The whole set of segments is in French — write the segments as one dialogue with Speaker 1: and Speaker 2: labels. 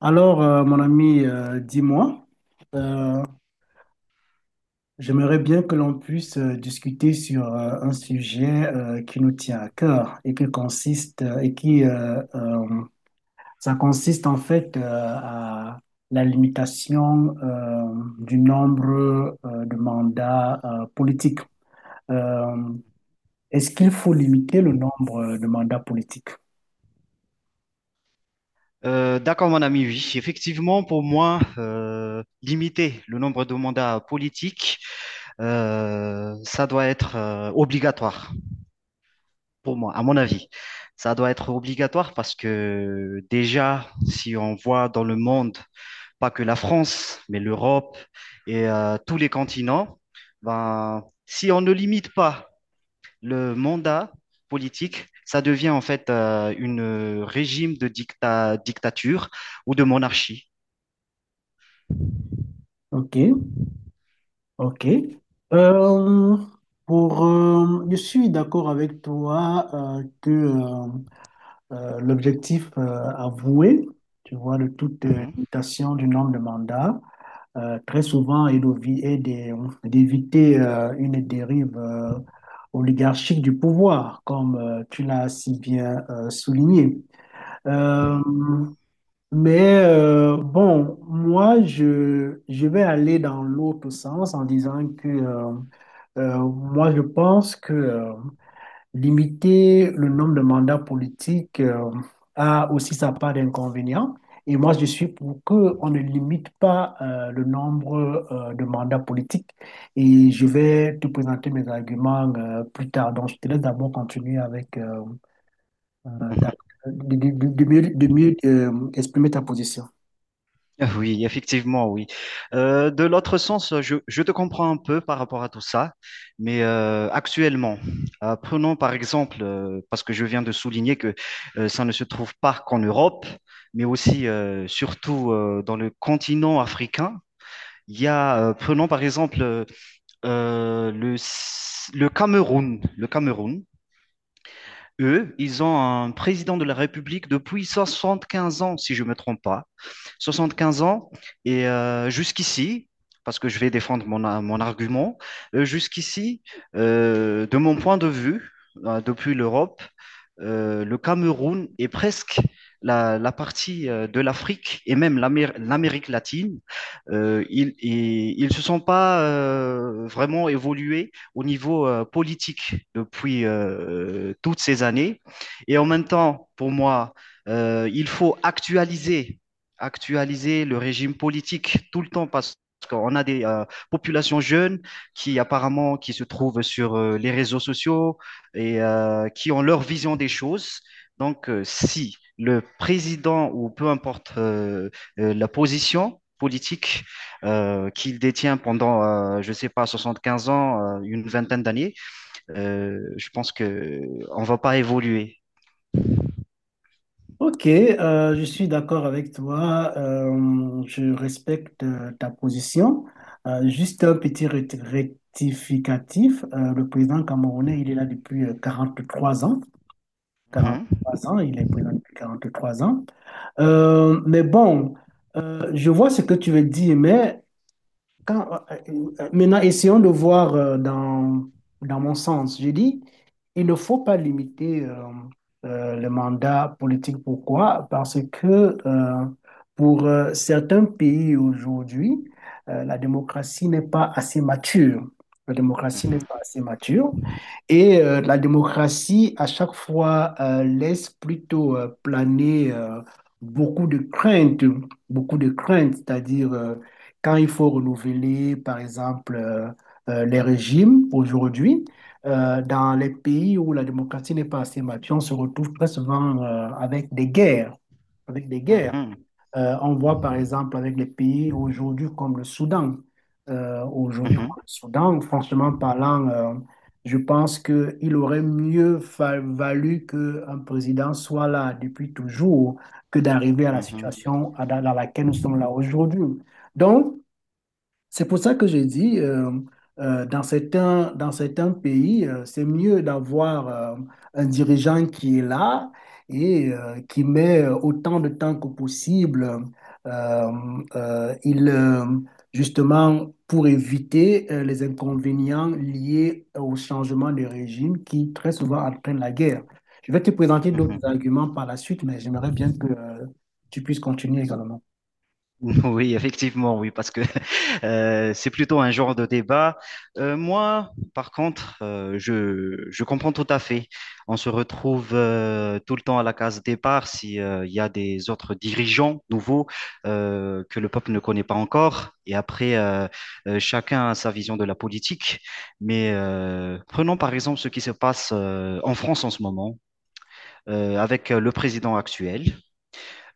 Speaker 1: Mon ami, dis-moi, euh, j'aimerais bien que l'on puisse discuter sur un sujet qui nous tient à cœur et qui consiste et qui ça consiste en fait à la limitation du nombre de mandats politiques. Euh, Est-ce qu'il faut limiter le nombre de mandats politiques?
Speaker 2: D'accord, mon ami, oui. Effectivement, pour moi, limiter le nombre de mandats politiques, ça doit être obligatoire, pour moi, à mon avis. Ça doit être obligatoire parce que déjà, si on voit dans le monde, pas que la France, mais l'Europe et tous les continents, ben, si on ne limite pas le mandat politique, ça devient en fait une régime de dictature ou de monarchie.
Speaker 1: OK. Ok. Euh, je suis d'accord avec toi que l'objectif avoué, tu vois, de toute
Speaker 2: Mhm,
Speaker 1: limitation du nombre de mandats, très souvent est d'éviter une dérive oligarchique du pouvoir, comme tu l'as si bien souligné. Euh,
Speaker 2: mhm,
Speaker 1: bon, moi, je vais aller dans l'autre sens en disant que moi, je pense que limiter le nombre de mandats politiques a aussi sa part d'inconvénients. Et moi, je suis pour qu'on ne limite pas le nombre de mandats politiques. Et je vais te présenter mes arguments plus tard. Donc, je te laisse d'abord continuer euh,
Speaker 2: mhm.
Speaker 1: t'as- de mieux exprimer ta position.
Speaker 2: Ah oui, effectivement, oui. De l'autre sens, je te comprends un peu par rapport à tout ça, mais actuellement, prenons par exemple, parce que je viens de souligner que ça ne se trouve pas qu'en Europe, mais aussi, surtout dans le continent africain. Prenons par exemple euh, le, le Cameroun. Le Cameroun. Eux, ils ont un président de la République depuis 75 ans, si je ne me trompe pas. 75 ans, et jusqu'ici, parce que je vais défendre mon argument, jusqu'ici, de mon point de vue, depuis l'Europe, le Cameroun est presque la partie de l'Afrique et même l'Amérique latine. Ils se sont pas vraiment évolués au niveau politique depuis toutes ces années. Et en même temps, pour moi, il faut actualiser le régime politique tout le temps parce qu'on a des populations jeunes qui apparemment qui se trouvent sur les réseaux sociaux et qui ont leur vision des choses. Donc, si le président ou peu importe la position politique qu'il détient pendant, je sais pas, 75 ans, une vingtaine d'années, je pense que on va pas évoluer.
Speaker 1: Ok, je suis d'accord avec toi. Je respecte ta position. Juste un petit rectificatif. Le président camerounais, il est là depuis trois ans. quarante
Speaker 2: Mhm,
Speaker 1: trois ans, il est président depuis 43 ans. Mais bon, je vois ce que tu veux dire, mais quand, euh, maintenant, essayons de voir dans mon sens. Je dis, il ne faut pas limiter le mandat politique. Pourquoi? Parce que pour certains pays aujourd'hui, la démocratie n'est pas assez mature. La démocratie n'est
Speaker 2: mhm,
Speaker 1: pas assez mature. Et la démocratie, à chaque fois, laisse plutôt planer beaucoup de craintes, beaucoup de craintes, c'est-à-dire quand il faut renouveler, par exemple, les régimes aujourd'hui, dans les pays où la démocratie n'est pas assez mature, on se retrouve très souvent avec des guerres, avec des guerres.
Speaker 2: mhm,
Speaker 1: On voit par exemple avec les pays aujourd'hui comme le Soudan. Aujourd'hui
Speaker 2: mhm,
Speaker 1: comme le Soudan, franchement parlant, je pense qu'il aurait mieux valu qu'un président soit là depuis toujours que d'arriver à
Speaker 2: mhm,
Speaker 1: la
Speaker 2: mhm,
Speaker 1: situation dans laquelle nous sommes là aujourd'hui. Donc, c'est pour ça que je dis, dans certains pays, c'est mieux d'avoir un dirigeant qui est là et qui met autant de temps que possible. euh, euh, il, euh, Justement, pour éviter les inconvénients liés au changement de régime qui très souvent entraîne la guerre. Je vais te présenter
Speaker 2: mhm.
Speaker 1: d'autres
Speaker 2: Mhm.
Speaker 1: arguments par la suite, mais j'aimerais bien que tu puisses continuer également.
Speaker 2: Oui, effectivement, oui, parce que c'est plutôt un genre de débat. Moi, par contre, je comprends tout à fait. On se retrouve tout le temps à la case départ si il y a des autres dirigeants nouveaux que le peuple ne connaît pas encore. Et après, chacun a sa vision de la politique. Mais prenons par exemple ce qui se passe en France en ce moment avec le président actuel.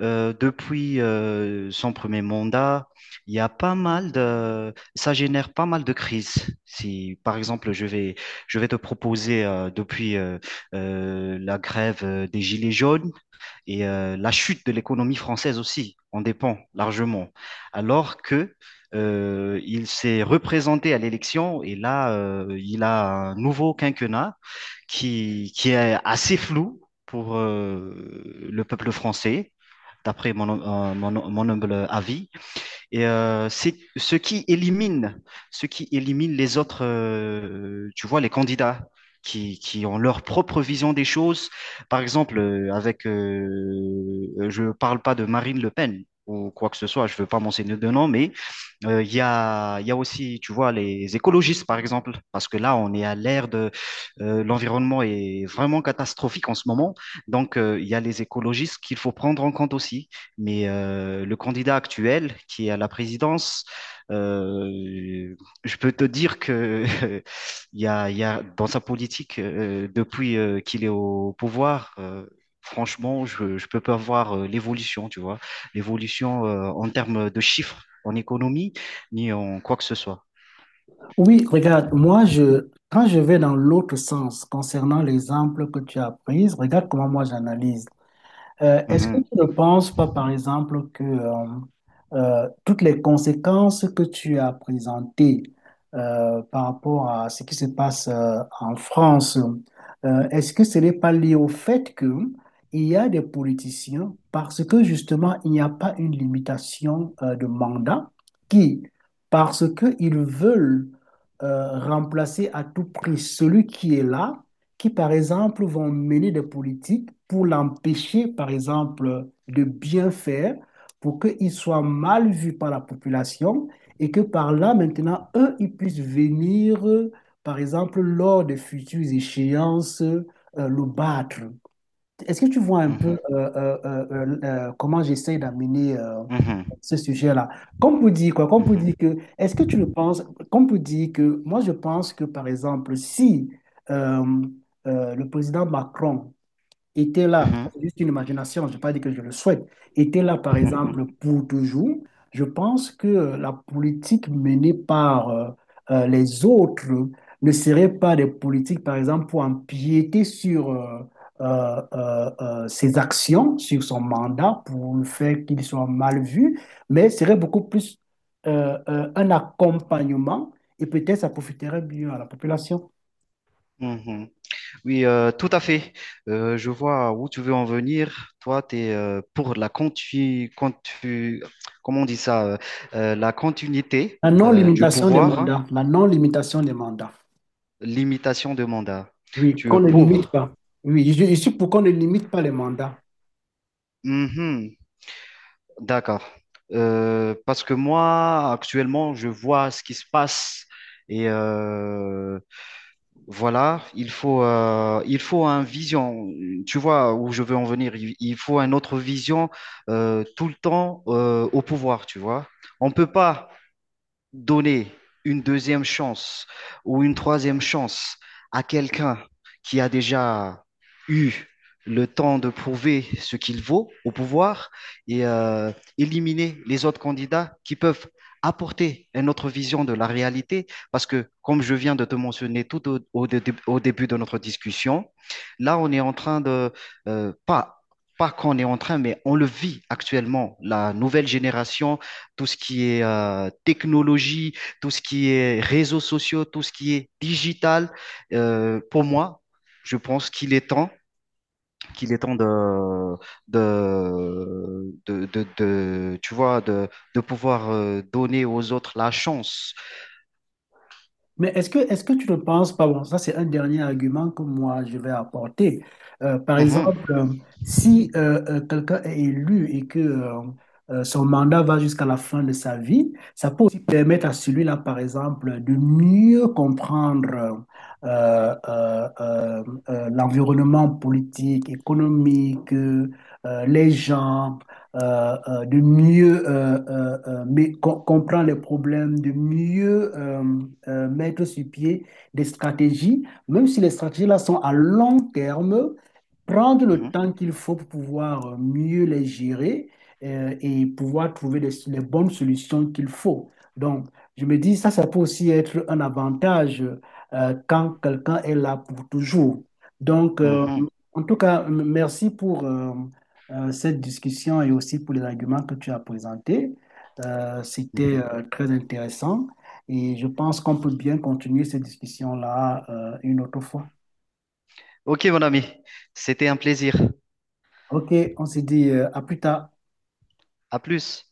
Speaker 2: Depuis son premier mandat, il y a pas mal de, ça génère pas mal de crises. Si, par exemple, je vais te proposer depuis la grève des Gilets jaunes, et la chute de l'économie française aussi en dépend largement. Alors que il s'est représenté à l'élection et là, il a un nouveau quinquennat qui est assez flou pour le peuple français, d'après mon humble avis. Et c'est ce qui ce qui élimine les autres, tu vois, les candidats qui ont leur propre vision des choses. Par exemple, je parle pas de Marine Le Pen ou quoi que ce soit, je veux pas mentionner de nom, mais il y a aussi, tu vois, les écologistes, par exemple, parce que là, on est à l'ère de l'environnement est vraiment catastrophique en ce moment. Donc, il y a les écologistes qu'il faut prendre en compte aussi. Mais le candidat actuel qui est à la présidence, euh, je peux te dire que il y a dans sa politique depuis qu'il est au pouvoir. Franchement, je peux pas voir l'évolution, tu vois, l'évolution en termes de chiffres, en économie, ni en quoi que ce soit.
Speaker 1: Oui, regarde, moi, quand je vais dans l'autre sens concernant l'exemple que tu as pris, regarde comment moi j'analyse. Est-ce que
Speaker 2: Mhm,
Speaker 1: tu ne penses pas, par exemple, que toutes les conséquences que tu as présentées par rapport à ce qui se passe en France, est-ce que ce n'est pas lié au fait que il y a des politiciens parce que justement il n'y a pas une limitation de mandat qui, parce qu'ils veulent remplacer à tout prix celui qui est là, qui, par exemple, vont mener des politiques pour l'empêcher, par exemple, de bien faire, pour qu'il soit mal vu par la population et que par là, maintenant, eux, ils puissent venir, par exemple, lors de futures échéances, le battre. Est-ce que tu vois un peu
Speaker 2: mhm,
Speaker 1: comment j'essaie d'amener
Speaker 2: mhm,
Speaker 1: ce sujet-là. Comme pour dire quoi? Comme pour dire
Speaker 2: mhm,
Speaker 1: que, est-ce que tu le penses? Comme pour dire que, moi, je pense que, par exemple, si euh, le président Macron était là,
Speaker 2: mhm,
Speaker 1: c'est juste une imagination, je ne vais pas dire que je le souhaite, était là, par exemple, pour toujours, je pense que la politique menée par les autres ne serait pas des politiques, par exemple, pour empiéter sur ses actions, sur son mandat, pour le faire qu'il soit mal vu, mais serait beaucoup plus un accompagnement et peut-être ça profiterait mieux à la population.
Speaker 2: mhm, mhm. Oui, tout à fait. Je vois où tu veux en venir. Toi, tu es pour la comment on dit ça, la continuité
Speaker 1: La Oui,
Speaker 2: du
Speaker 1: non-limitation des
Speaker 2: pouvoir,
Speaker 1: mandats, la non-limitation des mandats.
Speaker 2: limitation de mandat.
Speaker 1: Oui,
Speaker 2: Tu
Speaker 1: qu'on
Speaker 2: es
Speaker 1: ne limite
Speaker 2: pour.
Speaker 1: pas. Oui, je suis pour qu'on ne limite pas les mandats.
Speaker 2: Mhm, d'accord. Parce que moi, actuellement, je vois ce qui se passe et voilà, il faut un vision. Tu vois où je veux en venir. Il faut un autre vision tout le temps au pouvoir, tu vois. On peut pas donner une deuxième chance ou une troisième chance à quelqu'un qui a déjà eu le temps de prouver ce qu'il vaut au pouvoir et éliminer les autres candidats qui peuvent apporter une autre vision de la réalité. Parce que, comme je viens de te mentionner tout au, au dé- au début de notre discussion, là, on est en train de, pas, pas qu'on est en train, mais on le vit actuellement, la nouvelle génération tout ce qui est technologie, tout ce qui est réseaux sociaux, tout ce qui est digital. Pour moi, je pense qu'il est temps de, tu vois, de pouvoir donner aux autres la chance.
Speaker 1: Mais est-ce que tu ne penses pas, bon, ça c'est un dernier argument que moi je vais apporter. Par
Speaker 2: Mhm,
Speaker 1: exemple, si quelqu'un est élu et que son mandat va jusqu'à la fin de sa vie, ça peut aussi permettre à celui-là, par exemple, de mieux comprendre l'environnement politique, économique, les gens. De mieux comprendre les problèmes, de mieux mettre sur pied des stratégies, même si les stratégies-là sont à long terme, prendre le
Speaker 2: mhm,
Speaker 1: temps qu'il faut pour pouvoir mieux les gérer et pouvoir trouver les bonnes solutions qu'il faut. Donc, je me dis, ça peut aussi être un avantage quand quelqu'un est là pour toujours. Donc,
Speaker 2: mhm,
Speaker 1: en tout cas, merci pour, cette discussion et aussi pour les arguments que tu as présentés. C'était
Speaker 2: mhm.
Speaker 1: très intéressant et je pense qu'on peut bien continuer cette discussion-là une autre fois.
Speaker 2: Ok, mon ami, c'était un plaisir.
Speaker 1: OK, on se dit à plus tard.
Speaker 2: À plus.